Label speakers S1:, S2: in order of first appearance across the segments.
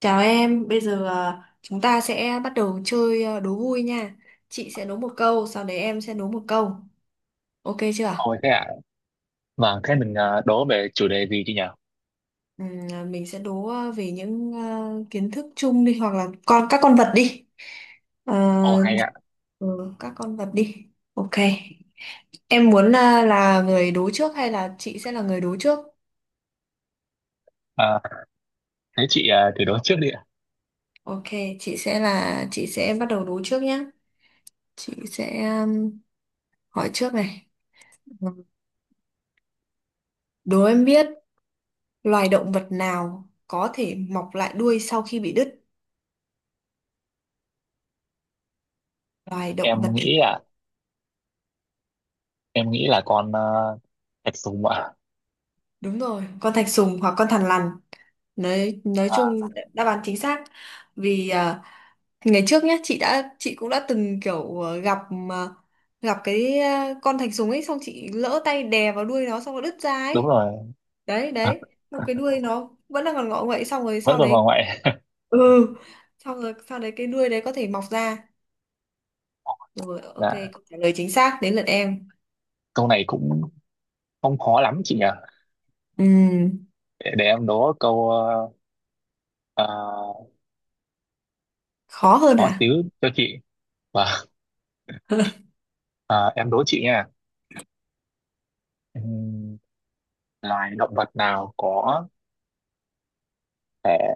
S1: Chào em, bây giờ chúng ta sẽ bắt đầu chơi, đố vui nha. Chị sẽ đố một câu, sau đấy em sẽ đố một câu. Ok chưa?
S2: Ôi thế ạ, vâng, thế mình đố về chủ đề gì chị nhỉ?
S1: Mình sẽ đố về những kiến thức chung đi hoặc là các con vật đi. Ờ,
S2: Ồ hay ạ.
S1: ừ, các con vật đi. Ok. Em muốn là người đố trước hay là chị sẽ là người đố trước?
S2: Ờ, thế chị thử đố trước đi ạ.
S1: Ok, chị sẽ bắt đầu đố trước nhé. Chị sẽ hỏi trước này. Đố em biết loài động vật nào có thể mọc lại đuôi sau khi bị đứt? Loài động vật
S2: Em nghĩ ạ, em nghĩ là con thạch sùng ạ.
S1: Đúng rồi, con thạch sùng hoặc con thằn lằn. Nói chung
S2: À,
S1: đáp án chính xác. Vì à, ngày trước nhá, chị cũng đã từng kiểu gặp à, gặp cái con thạch sùng ấy, xong chị lỡ tay đè vào đuôi nó xong nó đứt ra ấy.
S2: đúng rồi.
S1: Đấy đấy, xong cái đuôi nó vẫn còn ngọ nguậy, xong rồi
S2: Vẫn
S1: sau
S2: còn bà
S1: đấy
S2: ngoại.
S1: ừ, xong rồi sau đấy cái đuôi đấy có thể mọc ra. Rồi ok,
S2: Dạ,
S1: câu trả lời chính xác, đến lượt em.
S2: câu này cũng không khó lắm chị nhỉ?
S1: Ừm,
S2: Để em đố câu ờ,
S1: khó hơn
S2: khó
S1: hả?
S2: xíu cho chị. Vâng. Ờ, em đố chị nha. Ừm, Loài động vật nào có thể,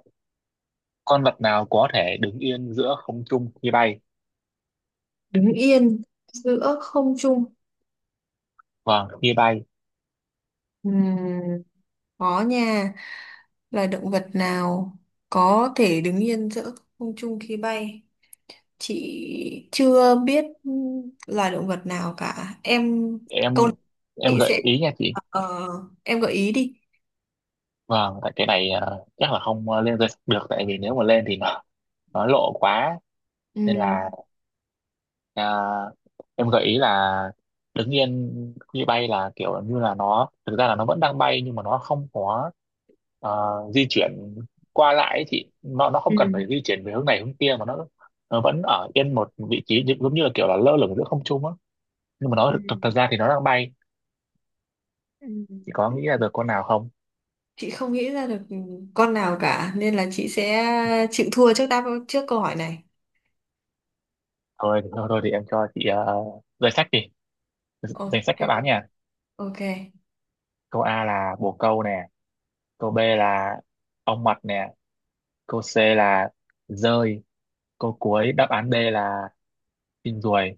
S2: con vật nào có thể đứng yên giữa không trung khi bay?
S1: Đứng yên giữa không trung.
S2: Vâng, khi bay.
S1: Ừm, khó nha, là động vật nào có thể đứng yên giữa không trung khi bay, chị chưa biết là động vật nào cả em.
S2: Em
S1: Câu này
S2: em
S1: chị sẽ
S2: gợi ý nha chị.
S1: ờ, em gợi ý đi.
S2: Vâng, tại cái này chắc là không lên danh sách được, tại vì nếu mà lên thì nó lộ quá, nên
S1: Ừm,
S2: là ờ, em gợi ý là đứng yên khi bay là kiểu như là nó thực ra là nó vẫn đang bay, nhưng mà nó không có ờ, di chuyển qua lại ấy chị, nó không
S1: ừ,
S2: cần phải di chuyển về hướng này hướng kia, mà nó vẫn ở yên một vị trí giống như là kiểu là lơ lửng giữa không trung á, nhưng mà nó thực,
S1: ừ
S2: thực ra thì nó đang bay.
S1: ừ,
S2: Chị có nghĩ ra được con nào không?
S1: chị không nghĩ ra được con nào cả nên là chị sẽ chịu thua trước, đáp trước câu hỏi này.
S2: Thôi thôi, thôi thì em cho chị danh sách đi, danh sách
S1: Ok.
S2: đáp án nha.
S1: Ok,
S2: Câu A là bồ câu nè, câu B là ong mật nè, câu C là dơi, câu cuối đáp án D là chim ruồi.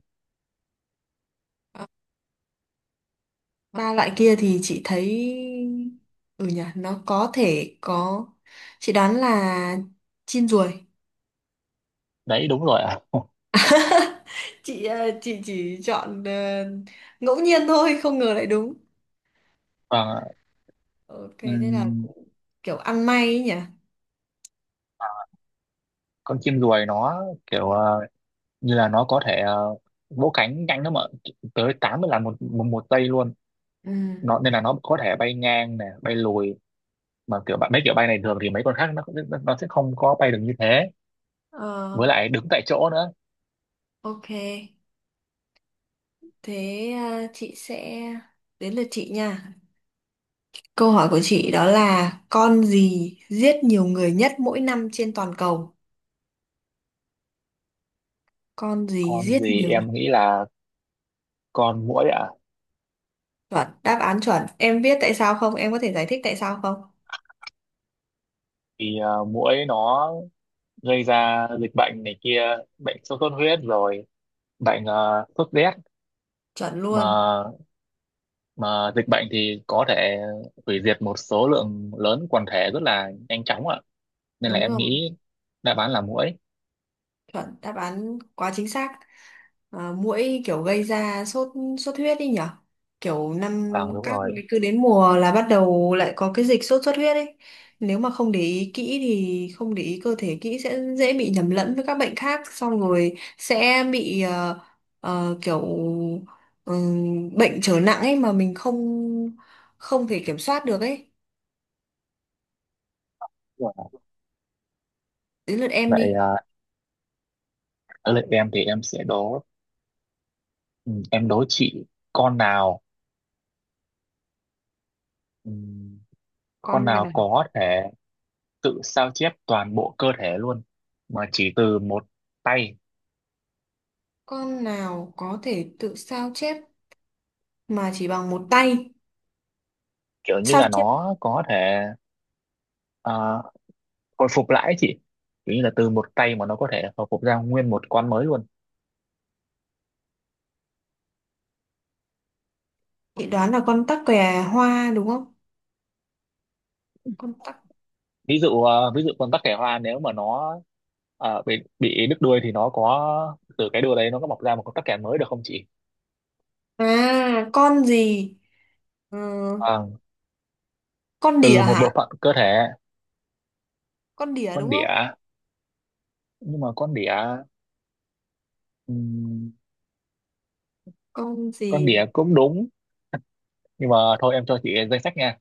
S1: ba loại kia thì chị thấy ừ nhỉ, nó có thể có. Chị đoán là chim ruồi.
S2: Đấy đúng rồi ạ.
S1: Chị chị chỉ chọn ngẫu nhiên thôi, không ngờ lại đúng.
S2: Vâng.
S1: Ok thế là
S2: ừm,
S1: cũng kiểu ăn may ấy nhỉ.
S2: con chim ruồi nó kiểu như là nó có thể vỗ cánh nhanh lắm ạ, tới 80 lần một, một một giây luôn,
S1: Ừ.
S2: nó nên là nó có thể bay ngang nè bay lùi, mà kiểu bạn mấy kiểu bay này thường thì mấy con khác nó sẽ không có bay được như thế,
S1: ờ,
S2: với lại đứng tại chỗ nữa.
S1: ok, thế chị sẽ đến lượt chị nha. Câu hỏi của chị đó là con gì giết nhiều người nhất mỗi năm trên toàn cầu? Con gì
S2: Con
S1: giết
S2: gì?
S1: nhiều
S2: Em nghĩ là con muỗi ạ.
S1: Chuẩn, đáp án chuẩn. Em biết tại sao không, em có thể giải thích tại sao không?
S2: Thì muỗi nó gây ra dịch bệnh này kia, bệnh sốt xuất huyết rồi bệnh sốt rét,
S1: Chuẩn
S2: mà
S1: luôn.
S2: mà dịch bệnh thì có thể hủy diệt một số lượng lớn quần thể rất là nhanh chóng ạ, nên là
S1: Đúng
S2: em
S1: rồi.
S2: nghĩ đáp án là muỗi.
S1: Chuẩn đáp án, quá chính xác. À, muỗi kiểu gây ra sốt, sốt huyết đi nhở. Kiểu năm
S2: Vâng đúng
S1: các
S2: rồi.
S1: cứ đến mùa là bắt đầu lại có cái dịch sốt xuất huyết ấy. Nếu mà không để ý kỹ thì không để ý cơ thể kỹ sẽ dễ bị nhầm lẫn với các bệnh khác xong rồi sẽ bị kiểu bệnh trở nặng ấy mà mình không không thể kiểm soát được ấy.
S2: Đúng rồi.
S1: Đến lượt em
S2: Vậy
S1: đi.
S2: ở lượt em thì em sẽ đố. Ừ, em đố chị. con nào ừ, con
S1: Con
S2: nào
S1: nào,
S2: có thể tự sao chép toàn bộ cơ thể luôn mà chỉ từ một tay.
S1: con nào có thể tự sao chép mà chỉ bằng một tay?
S2: Kiểu như
S1: Sao
S2: là
S1: chép
S2: nó có thể à, hồi phục lại ấy chị, kiểu như là từ một cây mà nó có thể hồi phục ra nguyên một con mới luôn.
S1: Chị đoán là con tắc kè hoa đúng không? Con tắc.
S2: Ví dụ con tắc kè hoa, nếu mà nó bị đứt đuôi thì nó có từ cái đuôi đấy nó có mọc ra một con tắc kè mới được không chị?
S1: À, con gì? Ờ,
S2: Vâng,
S1: con đỉa
S2: từ một
S1: hả?
S2: bộ phận cơ thể.
S1: Con đỉa đúng
S2: Con
S1: không?
S2: đỉa. Nhưng mà con đỉa, ừm,
S1: Con
S2: con
S1: gì?
S2: đỉa cũng đúng, nhưng mà thôi em cho chị danh sách nha.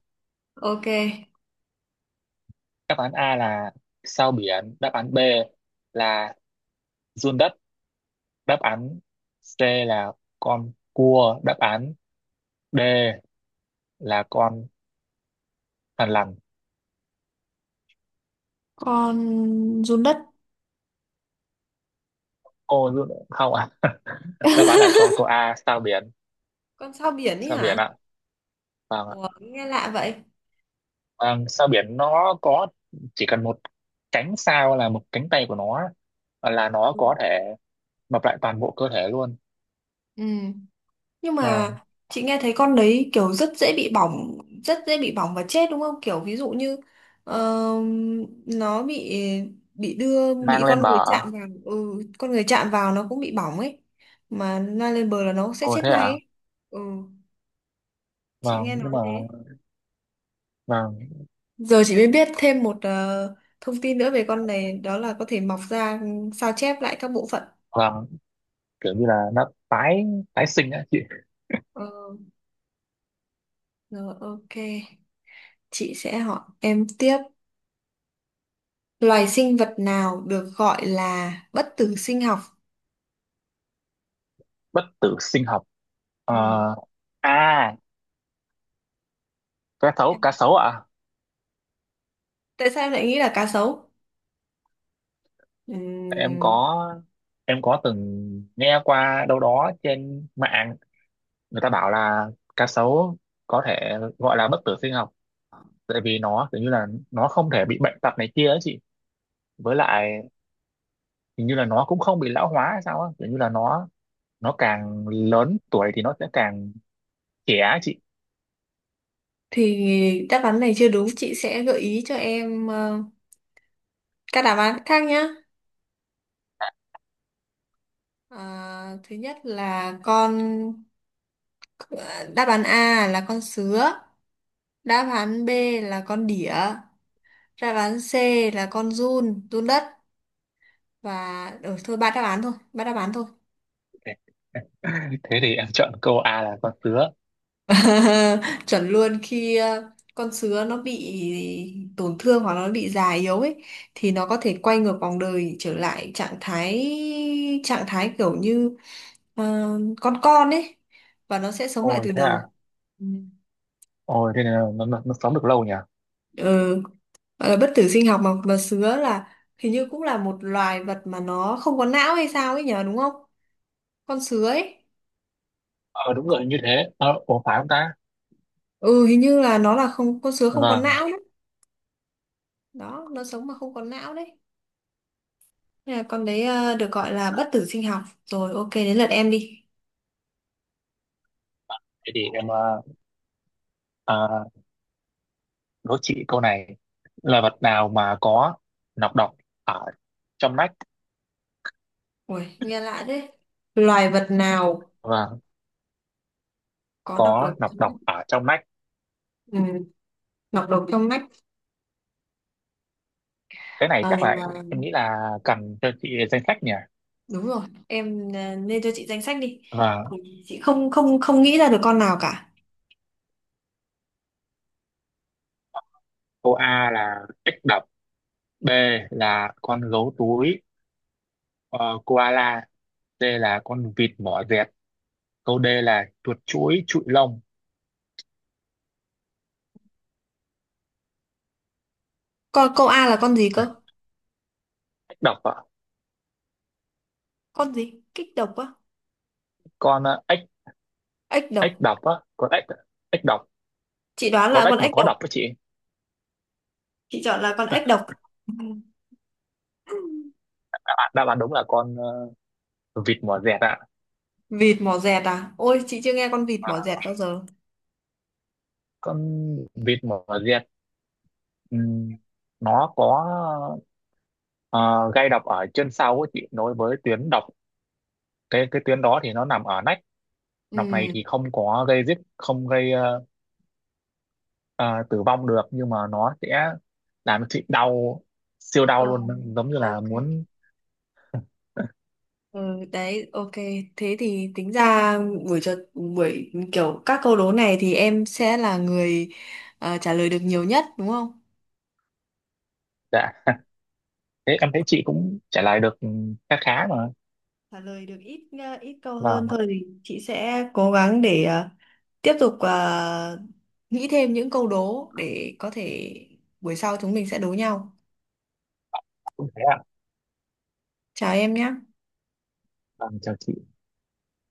S1: Ok.
S2: Đáp án A là sao biển, đáp án B là giun đất, đáp án C là con cua, đáp án D là con. Bạn làm
S1: Con run đất.
S2: cô luôn không ạ? À? Đáp án là cô A sao biển,
S1: Con sao biển ấy
S2: sao
S1: hả?
S2: biển ạ, vâng ạ.
S1: Ủa, nghe lạ vậy.
S2: Vâng, sao biển nó có, chỉ cần một cánh sao là một cánh tay của nó là nó
S1: Ừ.
S2: có thể mập lại toàn bộ cơ thể luôn.
S1: Ừ. Nhưng mà
S2: Vâng,
S1: chị nghe thấy con đấy kiểu rất dễ bị bỏng, rất dễ bị bỏng và chết đúng không? Kiểu ví dụ như ờ, nó bị đưa
S2: mang
S1: bị
S2: lên
S1: con người
S2: bờ.
S1: chạm vào, ừ, con người chạm vào nó cũng bị bỏng ấy. Mà la lên bờ là nó sẽ
S2: Ồ
S1: chết
S2: thế
S1: ngay
S2: ạ.
S1: ấy. Ừ, chị
S2: Vâng
S1: nghe
S2: nhưng
S1: nói
S2: mà
S1: thế.
S2: vâng,
S1: Giờ chị mới biết thêm một thông tin nữa về con này, đó là có thể mọc ra ừ, sao chép lại các bộ phận.
S2: vâng, kiểu như là nó tái tái sinh á chị.
S1: Ờ, rồi ok, chị sẽ hỏi em tiếp. Loài sinh vật nào được gọi là bất tử sinh học?
S2: Bất tử sinh học.
S1: Ừ.
S2: Ờ, à cá sấu, cá sấu ạ.
S1: Tại sao em lại nghĩ là cá sấu?
S2: em
S1: Ừm,
S2: có em có từng nghe qua đâu đó trên mạng, người ta bảo là cá sấu có thể gọi là bất tử sinh học, tại vì nó kiểu như là nó không thể bị bệnh tật này kia ấy chị, với lại hình như là nó cũng không bị lão hóa hay sao á, kiểu như là nó càng lớn tuổi thì nó sẽ càng trẻ á chị.
S1: thì đáp án này chưa đúng, chị sẽ gợi ý cho em các đáp án khác nhé. Thứ nhất là đáp án A là con sứa, đáp án B là con đỉa, đáp án C là giun đất, và ừ, thôi ba đáp án thôi, ba đáp án thôi.
S2: Thế thì em chọn câu A là con sứa.
S1: Chuẩn luôn, khi con sứa nó bị tổn thương hoặc nó bị già yếu ấy thì nó có thể quay ngược vòng đời trở lại trạng thái kiểu như ờ, con ấy, và nó sẽ sống lại
S2: Ôi
S1: từ
S2: thế à.
S1: đầu. Ừ.
S2: Ôi thế là nó sống được lâu nhỉ.
S1: Ừ. Gọi là bất tử sinh học. Mà sứa là hình như cũng là một loài vật mà nó không có não hay sao ấy nhờ, đúng không, con sứa ấy.
S2: Ờ đúng rồi như thế ủa phải không ta.
S1: Ừ, hình như là nó là không, con sứa không có
S2: Vâng.
S1: não đấy. Đó, nó sống mà không có não đấy. À, con đấy ờ, được gọi là bất tử sinh học. Rồi ok, đến lượt em đi.
S2: Thế thì em uh, đố chị câu này là vật nào mà có nọc độc ở trong nách.
S1: Ui, nghe lạ thế. Loài vật nào
S2: Vâng,
S1: có nọc độc
S2: có
S1: trong
S2: nọc độc
S1: nách?
S2: ở trong nách.
S1: Ừ, nọc độc trong nách.
S2: Cái này
S1: Ờ,
S2: chắc là em nghĩ là cần cho chị danh sách nhỉ.
S1: đúng rồi. Em nên cho chị danh sách đi.
S2: Và
S1: Ừ, chị không không không nghĩ ra được con nào cả.
S2: cô A là ếch đập, B là con gấu túi ờ, koala, C là con vịt mỏ dẹt, câu D là chuột chuỗi trụi lông.
S1: Con câu A là con gì cơ?
S2: Ếch độc ạ,
S1: Con gì? Kích độc á?
S2: con ếch
S1: Ếch độc.
S2: ếch độc á, con ếch ếch độc,
S1: Chị đoán
S2: con
S1: là con
S2: ếch mà
S1: ếch
S2: có
S1: độc.
S2: độc đó chị.
S1: Chị chọn là con ếch độc. Ừ.
S2: À, đáp án đúng là con vịt mỏ dẹt ạ.
S1: Vịt mỏ dẹt à? Ôi chị chưa nghe con vịt mỏ
S2: À,
S1: dẹt bao giờ.
S2: con vịt mỏ dẹt ừm, nó có ờ, gây độc ở chân sau ấy chị, nối với tuyến độc, cái tuyến đó thì nó nằm ở nách.
S1: Ừ.
S2: Nọc này thì không có gây giết, không gây ờ, tử vong được, nhưng mà nó sẽ làm cho chị đau siêu đau
S1: Ờ,
S2: luôn giống như là
S1: ok.
S2: muốn.
S1: Ừ, đấy ok, thế thì tính ra buổi kiểu các câu đố này thì em sẽ là người trả lời được nhiều nhất đúng không?
S2: Dạ. Thế em thấy chị cũng trả lời được khá khá mà.
S1: Trả lời được ít câu
S2: Vâng.
S1: hơn
S2: Vâng,
S1: thôi thì chị sẽ cố gắng để tiếp tục nghĩ thêm những câu đố để có thể buổi sau chúng mình sẽ đố nhau.
S2: cũng thế ạ.
S1: Chào em nhé.
S2: Vâng chào chị.